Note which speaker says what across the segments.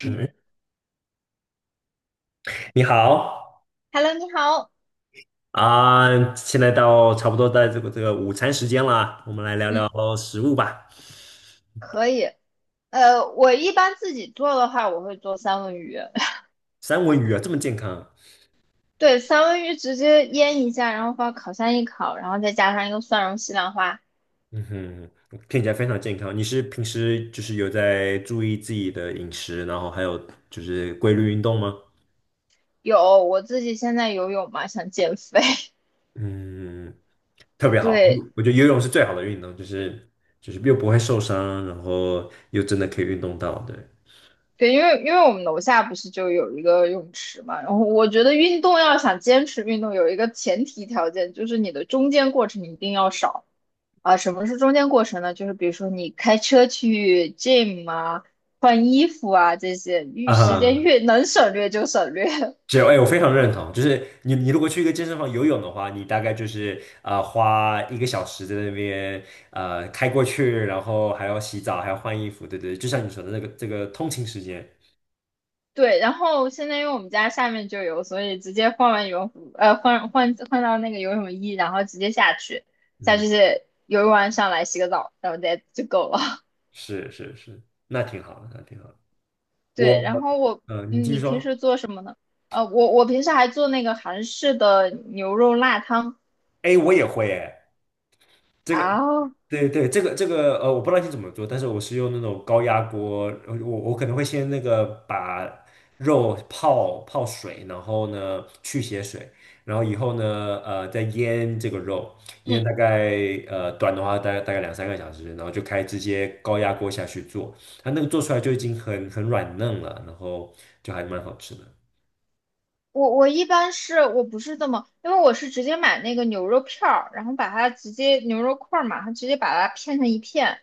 Speaker 1: 嗯。
Speaker 2: 嗯，你好
Speaker 1: Hello，你好。
Speaker 2: 啊，现在到差不多在这个午餐时间啦，我们来聊聊
Speaker 1: 嗯。
Speaker 2: 食物吧。
Speaker 1: 可以。我一般自己做的话，我会做三文鱼。
Speaker 2: 三文鱼啊，这么健康，
Speaker 1: 对，三文鱼直接腌一下，然后放烤箱一烤，然后再加上一个蒜蓉西兰花。
Speaker 2: 嗯哼，听起来非常健康。你是平时就是有在注意自己的饮食，然后还有就是规律运动吗？
Speaker 1: 有，我自己现在游泳嘛，想减肥。
Speaker 2: 嗯，特别好，
Speaker 1: 对
Speaker 2: 我觉得游泳是最好的运动，就是又不会受伤，然后又真的可以运动到，对
Speaker 1: 对，因为我们楼下不是就有一个泳池嘛，然后我觉得运动要想坚持运动，有一个前提条件就是你的中间过程一定要少。啊，什么是中间过程呢？就是比如说你开车去 gym 啊，换衣服啊这些，越时间
Speaker 2: 啊，
Speaker 1: 越能省略就省略。
Speaker 2: 只有哎，我非常认同，就是你如果去一个健身房游泳的话，你大概就是花一个小时在那边开过去，然后还要洗澡，还要换衣服，对对，就像你说的那个这个通勤时间，
Speaker 1: 对，然后现在因为我们家下面就有，所以直接换完羽绒服，换到那个游泳衣，然后直接下去，下
Speaker 2: 嗯，
Speaker 1: 去游泳完上来洗个澡，然后再就够了。
Speaker 2: 是是是，那挺好的，那挺好的。我
Speaker 1: 对，然后我，
Speaker 2: 你
Speaker 1: 嗯，
Speaker 2: 继续
Speaker 1: 你平
Speaker 2: 说，
Speaker 1: 时做什么呢？我平时还做那个韩式的牛肉辣汤
Speaker 2: 哎，我也会哎，这个，
Speaker 1: 啊，
Speaker 2: 对对，这个这个，我不知道你怎么做，但是我是用那种高压锅，我我可能会先那个把肉泡泡水，然后呢去血水，然后以后呢再腌这个肉，腌大
Speaker 1: 嗯
Speaker 2: 概短的话大概2、3个小时，然后就开直接高压锅下去做，它那个做出来就已经很软嫩了，然后就还蛮好吃的。
Speaker 1: 我一般是我不是这么，因为我是直接买那个牛肉片儿，然后把它直接牛肉块儿嘛，然后直接把它片成一片，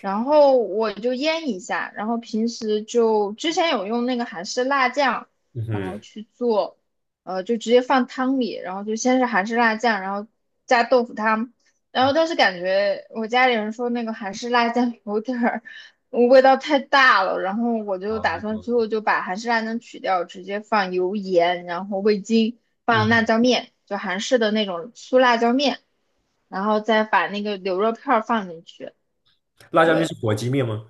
Speaker 1: 然后我就腌一下，然后平时就之前有用那个韩式辣酱，
Speaker 2: 嗯
Speaker 1: 然后
Speaker 2: 哼，
Speaker 1: 去做，就直接放汤里，然后就先是韩式辣酱，然后加豆腐汤，然后但是感觉我家里人说那个韩式辣酱有点儿味道太大了，然后我就
Speaker 2: 好，
Speaker 1: 打算最后就把韩式辣酱取掉，直接放油盐，然后味精，
Speaker 2: 嗯
Speaker 1: 放辣
Speaker 2: 哼，
Speaker 1: 椒面，就韩式的那种粗辣椒面，然后再把那个牛肉片儿放进去。
Speaker 2: 辣椒面是
Speaker 1: 对，
Speaker 2: 火鸡面吗？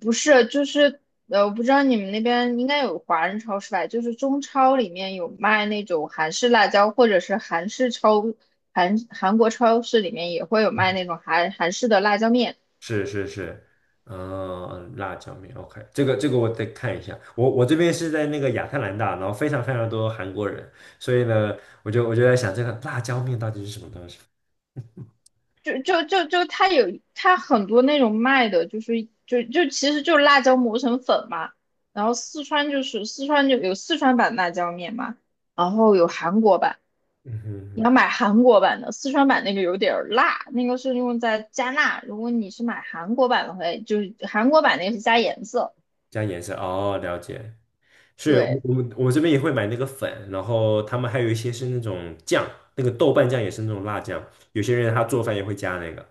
Speaker 1: 不是，就是我不知道你们那边应该有华人超市吧？就是中超里面有卖那种韩式辣椒，或者是韩国超市里面也会有卖那种韩式的辣椒面。
Speaker 2: 是是是，嗯，辣椒面，OK，这个这个我得看一下。我我这边是在那个亚特兰大，然后非常非常多韩国人，所以呢，我就在想这个辣椒面到底是什么东西？
Speaker 1: 就它很多那种卖的，就是其实就是辣椒磨成粉嘛。然后四川就有四川版辣椒面嘛，然后有韩国版。
Speaker 2: 嗯哼
Speaker 1: 你
Speaker 2: 哼，
Speaker 1: 要买韩国版的，四川版那个有点儿辣，那个是用在加辣。如果你是买韩国版的话，就是韩国版那个是加颜色。
Speaker 2: 加颜色，哦，了解。是我
Speaker 1: 对，
Speaker 2: 我我这边也会买那个粉，然后他们还有一些是那种酱，那个豆瓣酱也是那种辣酱，有些人他做饭也会加那个。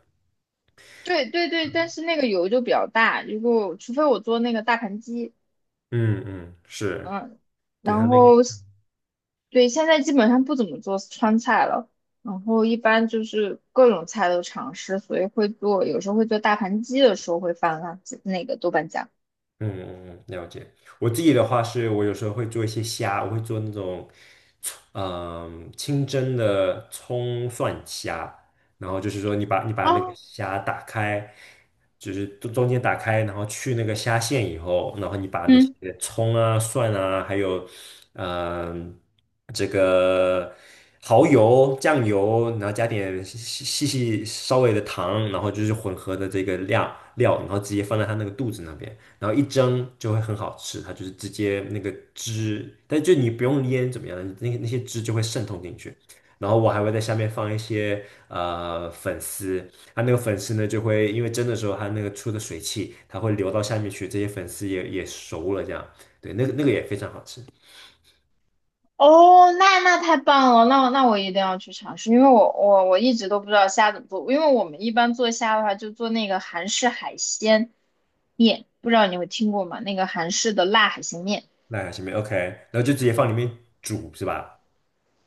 Speaker 1: 对，对，对，但是那个油就比较大，如果除非我做那个大盘鸡，
Speaker 2: 嗯嗯，是，
Speaker 1: 嗯，
Speaker 2: 对他
Speaker 1: 然
Speaker 2: 那个。
Speaker 1: 后对，现在基本上不怎么做川菜了，然后一般就是各种菜都尝试，所以会做，有时候会做大盘鸡的时候会放辣子那个豆瓣酱。
Speaker 2: 嗯嗯嗯，了解。我自己的话是，我有时候会做一些虾，我会做那种清蒸的葱蒜虾。然后就是说，你把那个
Speaker 1: 啊，
Speaker 2: 虾打开，就是中中间打开，然后去那个虾线以后，然后你把那些
Speaker 1: 嗯。
Speaker 2: 葱啊、蒜啊，还有嗯、这个蚝油、酱油，然后加点细细细稍微的糖，然后就是混合的这个量料，然后直接放在它那个肚子那边。然后一蒸就会很好吃，它就是直接那个汁，但就你不用腌怎么样，那那些汁就会渗透进去。然后我还会在下面放一些粉丝，它那个粉丝呢就会因为蒸的时候它那个出的水汽，它会流到下面去，这些粉丝也也熟了这样，对，那个那个也非常好吃。
Speaker 1: 哦，那太棒了，那我一定要去尝试，因为我一直都不知道虾怎么做，因为我们一般做虾的话就做那个韩式海鲜面，不知道你有听过吗？那个韩式的辣海鲜面，
Speaker 2: 那下面 OK，然后就直接放里面煮是吧？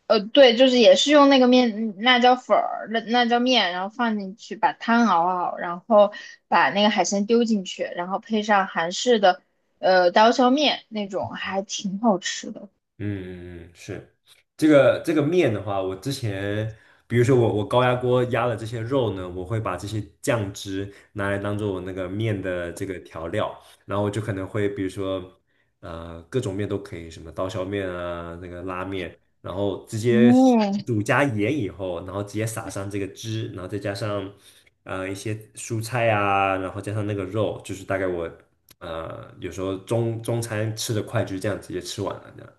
Speaker 1: 对，就是也是用那个面辣椒粉儿、辣椒面，然后放进去，把汤熬好，然后把那个海鲜丢进去，然后配上韩式的刀削面那种，还挺好吃的。
Speaker 2: 嗯嗯嗯，是这个这个面的话，我之前比如说我高压锅压了这些肉呢，我会把这些酱汁拿来当做我那个面的这个调料，然后我就可能会比如说各种面都可以，什么刀削面啊，那个拉面，然后直接
Speaker 1: 哦，
Speaker 2: 煮加盐以后，然后直接撒上这个汁，然后再加上一些蔬菜啊，然后加上那个肉，就是大概我有时候中中餐吃的快，就是这样直接吃完了这样。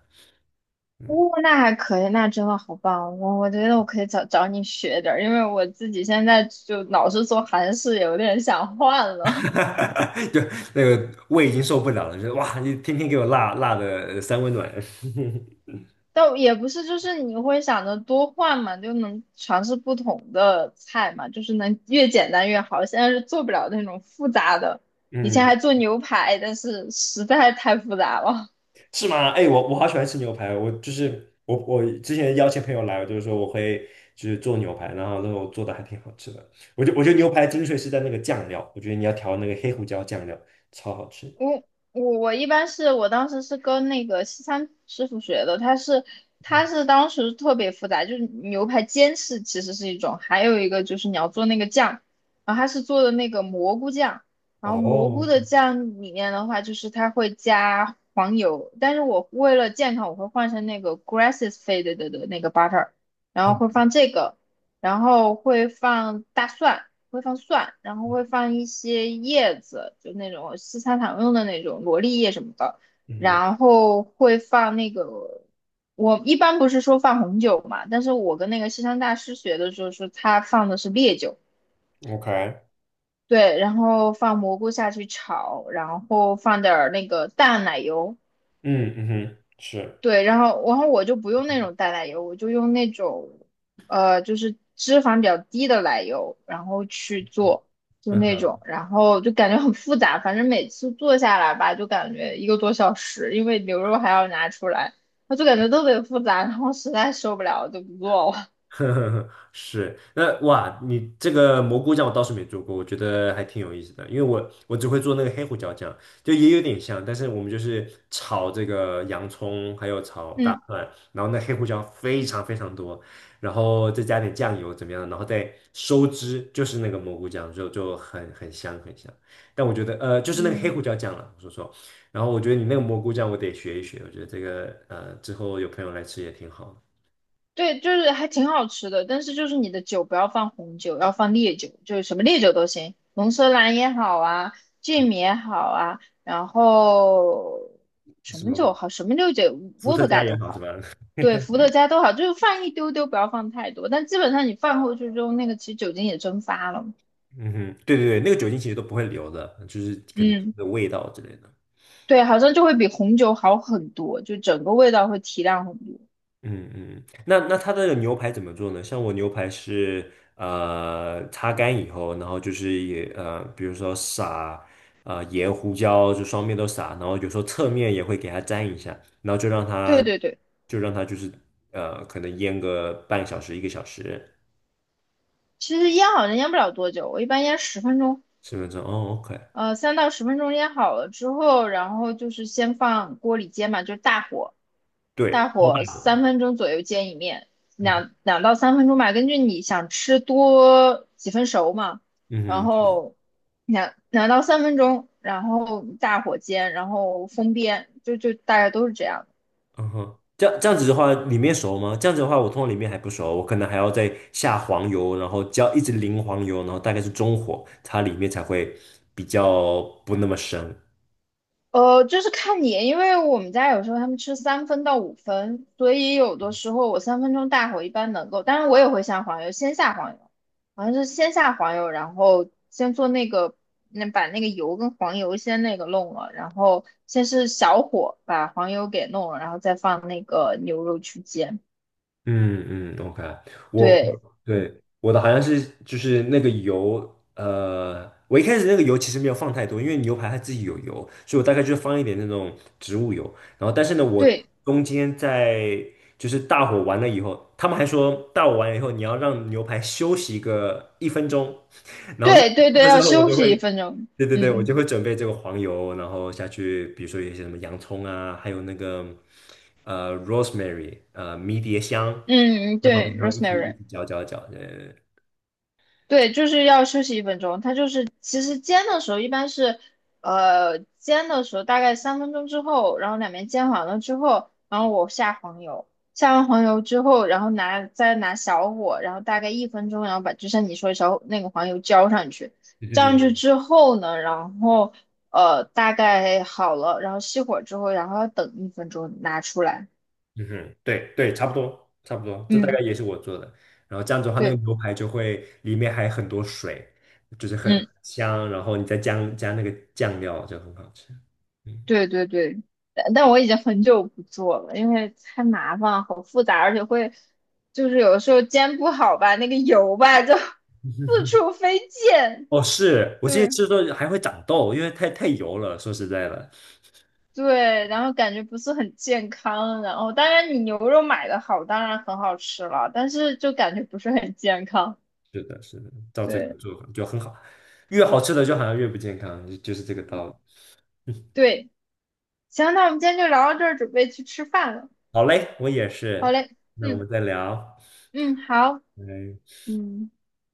Speaker 1: 哦，
Speaker 2: 嗯，
Speaker 1: 那还可以，那真的好棒！我觉得我可以找找你学点儿，因为我自己现在就老是做韩式，有点想换了。
Speaker 2: 就那个胃已经受不了了，就是哇，你天天给我辣辣的三温暖，
Speaker 1: 但也不是，就是你会想着多换嘛，就能尝试不同的菜嘛，就是能越简单越好。现在是做不了那种复杂的，以前
Speaker 2: 嗯，
Speaker 1: 还做牛排，但是实在太复杂了。
Speaker 2: 是吗？哎，我我好喜欢吃牛排，我就是我之前邀请朋友来，我就是说我会就是做牛排，然后那种做的还挺好吃的。我觉得牛排精髓是在那个酱料，我觉得你要调那个黑胡椒酱料，超好吃。
Speaker 1: 我我一般是我当时是跟那个西餐师傅学的，他是当时特别复杂，就是牛排煎是其实是一种，还有一个就是你要做那个酱，然后他是做的那个蘑菇酱，然后蘑菇
Speaker 2: 哦，
Speaker 1: 的酱里面的话就是它会加黄油，但是我为了健康我会换成那个 grass fed 的那个 butter,然后会
Speaker 2: 啊
Speaker 1: 放这个，然后会放大蒜。会放蒜，然后会放一些叶子，就那种西餐常用的那种罗勒叶什么的，
Speaker 2: 嗯
Speaker 1: 然后会放那个，我一般不是说放红酒嘛，但是我跟那个西餐大师学的时候是他放的是烈酒，
Speaker 2: 哼，OK，
Speaker 1: 对，然后放蘑菇下去炒，然后放点儿那个淡奶油，
Speaker 2: 嗯嗯哼，是。
Speaker 1: 对，然后我就不用那种淡奶油，我就用那种就是脂肪比较低的奶油，然后去做，就那
Speaker 2: 嗯。
Speaker 1: 种，然后就感觉很复杂，反正每次做下来吧，就感觉一个多小时，因为牛肉还要拿出来，我就感觉特别复杂，然后实在受不了，我就不做了。
Speaker 2: 呵呵呵，是，那哇，你这个蘑菇酱我倒是没做过，我觉得还挺有意思的，因为我我只会做那个黑胡椒酱，就也有点像，但是我们就是炒这个洋葱，还有炒 大
Speaker 1: 嗯，
Speaker 2: 蒜，然后那黑胡椒非常非常多，然后再加点酱油怎么样，然后再收汁，就是那个蘑菇酱，就很很香很香。但我觉得就是那个黑胡
Speaker 1: 嗯。
Speaker 2: 椒酱了，我说错，然后我觉得你那个蘑菇酱我得学一学，我觉得这个之后有朋友来吃也挺好
Speaker 1: 对，就是还挺好吃的，但是就是你的酒不要放红酒，要放烈酒，就是什么烈酒都行，龙舌兰也好啊，芥米也好啊，然后什
Speaker 2: 什
Speaker 1: 么
Speaker 2: 么？
Speaker 1: 酒好，什么烈酒
Speaker 2: 伏
Speaker 1: 伏
Speaker 2: 特
Speaker 1: 特
Speaker 2: 加
Speaker 1: 加
Speaker 2: 也
Speaker 1: 都
Speaker 2: 好是
Speaker 1: 好，
Speaker 2: 吧？
Speaker 1: 对，伏特加都好，就是放一丢丢，不要放太多，但基本上你放过去之后，那个其实酒精也蒸发了，
Speaker 2: 嗯哼，对对对，那个酒精其实都不会留的，就是可能
Speaker 1: 嗯，
Speaker 2: 的味道之类的。
Speaker 1: 对，好像就会比红酒好很多，就整个味道会提亮很多。
Speaker 2: 嗯嗯，那那它的牛排怎么做呢？像我牛排是擦干以后，然后就是比如说撒盐、胡椒，就双面都撒，然后有时候侧面也会给它沾一下，然后就让
Speaker 1: 对
Speaker 2: 它
Speaker 1: 对对，
Speaker 2: 就让它就是可能腌个半小时、一个小时、
Speaker 1: 其实腌好像腌不了多久，我一般腌十分钟。
Speaker 2: 10分钟。哦，OK，
Speaker 1: 3到10分钟腌好了之后，然后就是先放锅里煎嘛，就是大火，
Speaker 2: 对，
Speaker 1: 大
Speaker 2: 超
Speaker 1: 火
Speaker 2: 大的，
Speaker 1: 三分钟左右煎一面，
Speaker 2: 嗯
Speaker 1: 两到三分钟吧，根据你想吃多几分熟嘛，然
Speaker 2: 嗯哼，是。
Speaker 1: 后两到三分钟，然后大火煎，然后封边，就大概都是这样。
Speaker 2: 嗯哼，这样这样子的话，里面熟吗？这样子的话，我通常里面还不熟，我可能还要再下黄油，然后浇一直淋黄油，然后大概是中火，它里面才会比较不那么生。
Speaker 1: 就是看你，因为我们家有时候他们吃3分到5分，所以有的时候我三分钟大火一般能够，当然我也会下黄油，先下黄油，好像是先下黄油，然后先做那个，那把那个油跟黄油先那个弄了，然后先是小火把黄油给弄了，然后再放那个牛肉去煎。
Speaker 2: 嗯嗯，OK，我
Speaker 1: 对
Speaker 2: 对我的好像是就是那个油，我一开始那个油其实没有放太多，因为牛排它自己有油，所以我大概就放一点那种植物油。然后，但是呢，我
Speaker 1: 对
Speaker 2: 中间在就是大火完了以后，他们还说大火完了以后你要让牛排休息个1分钟，然后那
Speaker 1: 对对对，
Speaker 2: 那时
Speaker 1: 要
Speaker 2: 候我
Speaker 1: 休
Speaker 2: 就
Speaker 1: 息一
Speaker 2: 会。
Speaker 1: 分钟。
Speaker 2: 对对对，我
Speaker 1: 嗯
Speaker 2: 就会准备这个黄油，然后下去，比如说有一些什么洋葱啊，还有那个rosemary，迷迭香，
Speaker 1: 嗯，
Speaker 2: 在旁边
Speaker 1: 对
Speaker 2: 然后一起一
Speaker 1: ，rosemary。
Speaker 2: 起搅搅搅，对
Speaker 1: 对，就是要休息一分钟。它就是其实煎的时候一般是，煎的时候大概三分钟之后，然后两边煎完了之后，然后我下黄油，下完黄油之后，然后再拿小火，然后大概一分钟，然后把就像你说的小那个黄油浇上去，
Speaker 2: 对对
Speaker 1: 浇
Speaker 2: 对
Speaker 1: 上去
Speaker 2: 对，
Speaker 1: 之后呢，然后大概好了，然后熄火之后，然后要等一分钟拿出来。
Speaker 2: 嗯哼，对对，差不多差不多，这大概
Speaker 1: 嗯，
Speaker 2: 也是我做的。然后这样子的话，那个
Speaker 1: 对，
Speaker 2: 牛排就会里面还很多水，就是很
Speaker 1: 嗯
Speaker 2: 香，然后你再加那个酱料就很好吃。嗯，
Speaker 1: 对对对，但我已经很久不做了，因为太麻烦了，好复杂，而且会就是有的时候煎不好吧，那个油吧就 四处飞溅。
Speaker 2: 哦，是我之前
Speaker 1: 对
Speaker 2: 吃的时候还会长痘，因为太太油了，说实在的。
Speaker 1: 对，然后感觉不是很健康。然后当然你牛肉买的好，当然很好吃了，但是就感觉不是很健康。
Speaker 2: 是的，是的，照这个
Speaker 1: 对
Speaker 2: 做法就很好，越好吃的就好像越不健康，就是这个道理。
Speaker 1: 对，行，那我们今天就聊到这儿，准备去吃饭了。
Speaker 2: 好嘞，我也
Speaker 1: 好
Speaker 2: 是，
Speaker 1: 嘞，
Speaker 2: 那我
Speaker 1: 嗯
Speaker 2: 们再聊，
Speaker 1: 嗯，好，
Speaker 2: 拜。
Speaker 1: 嗯。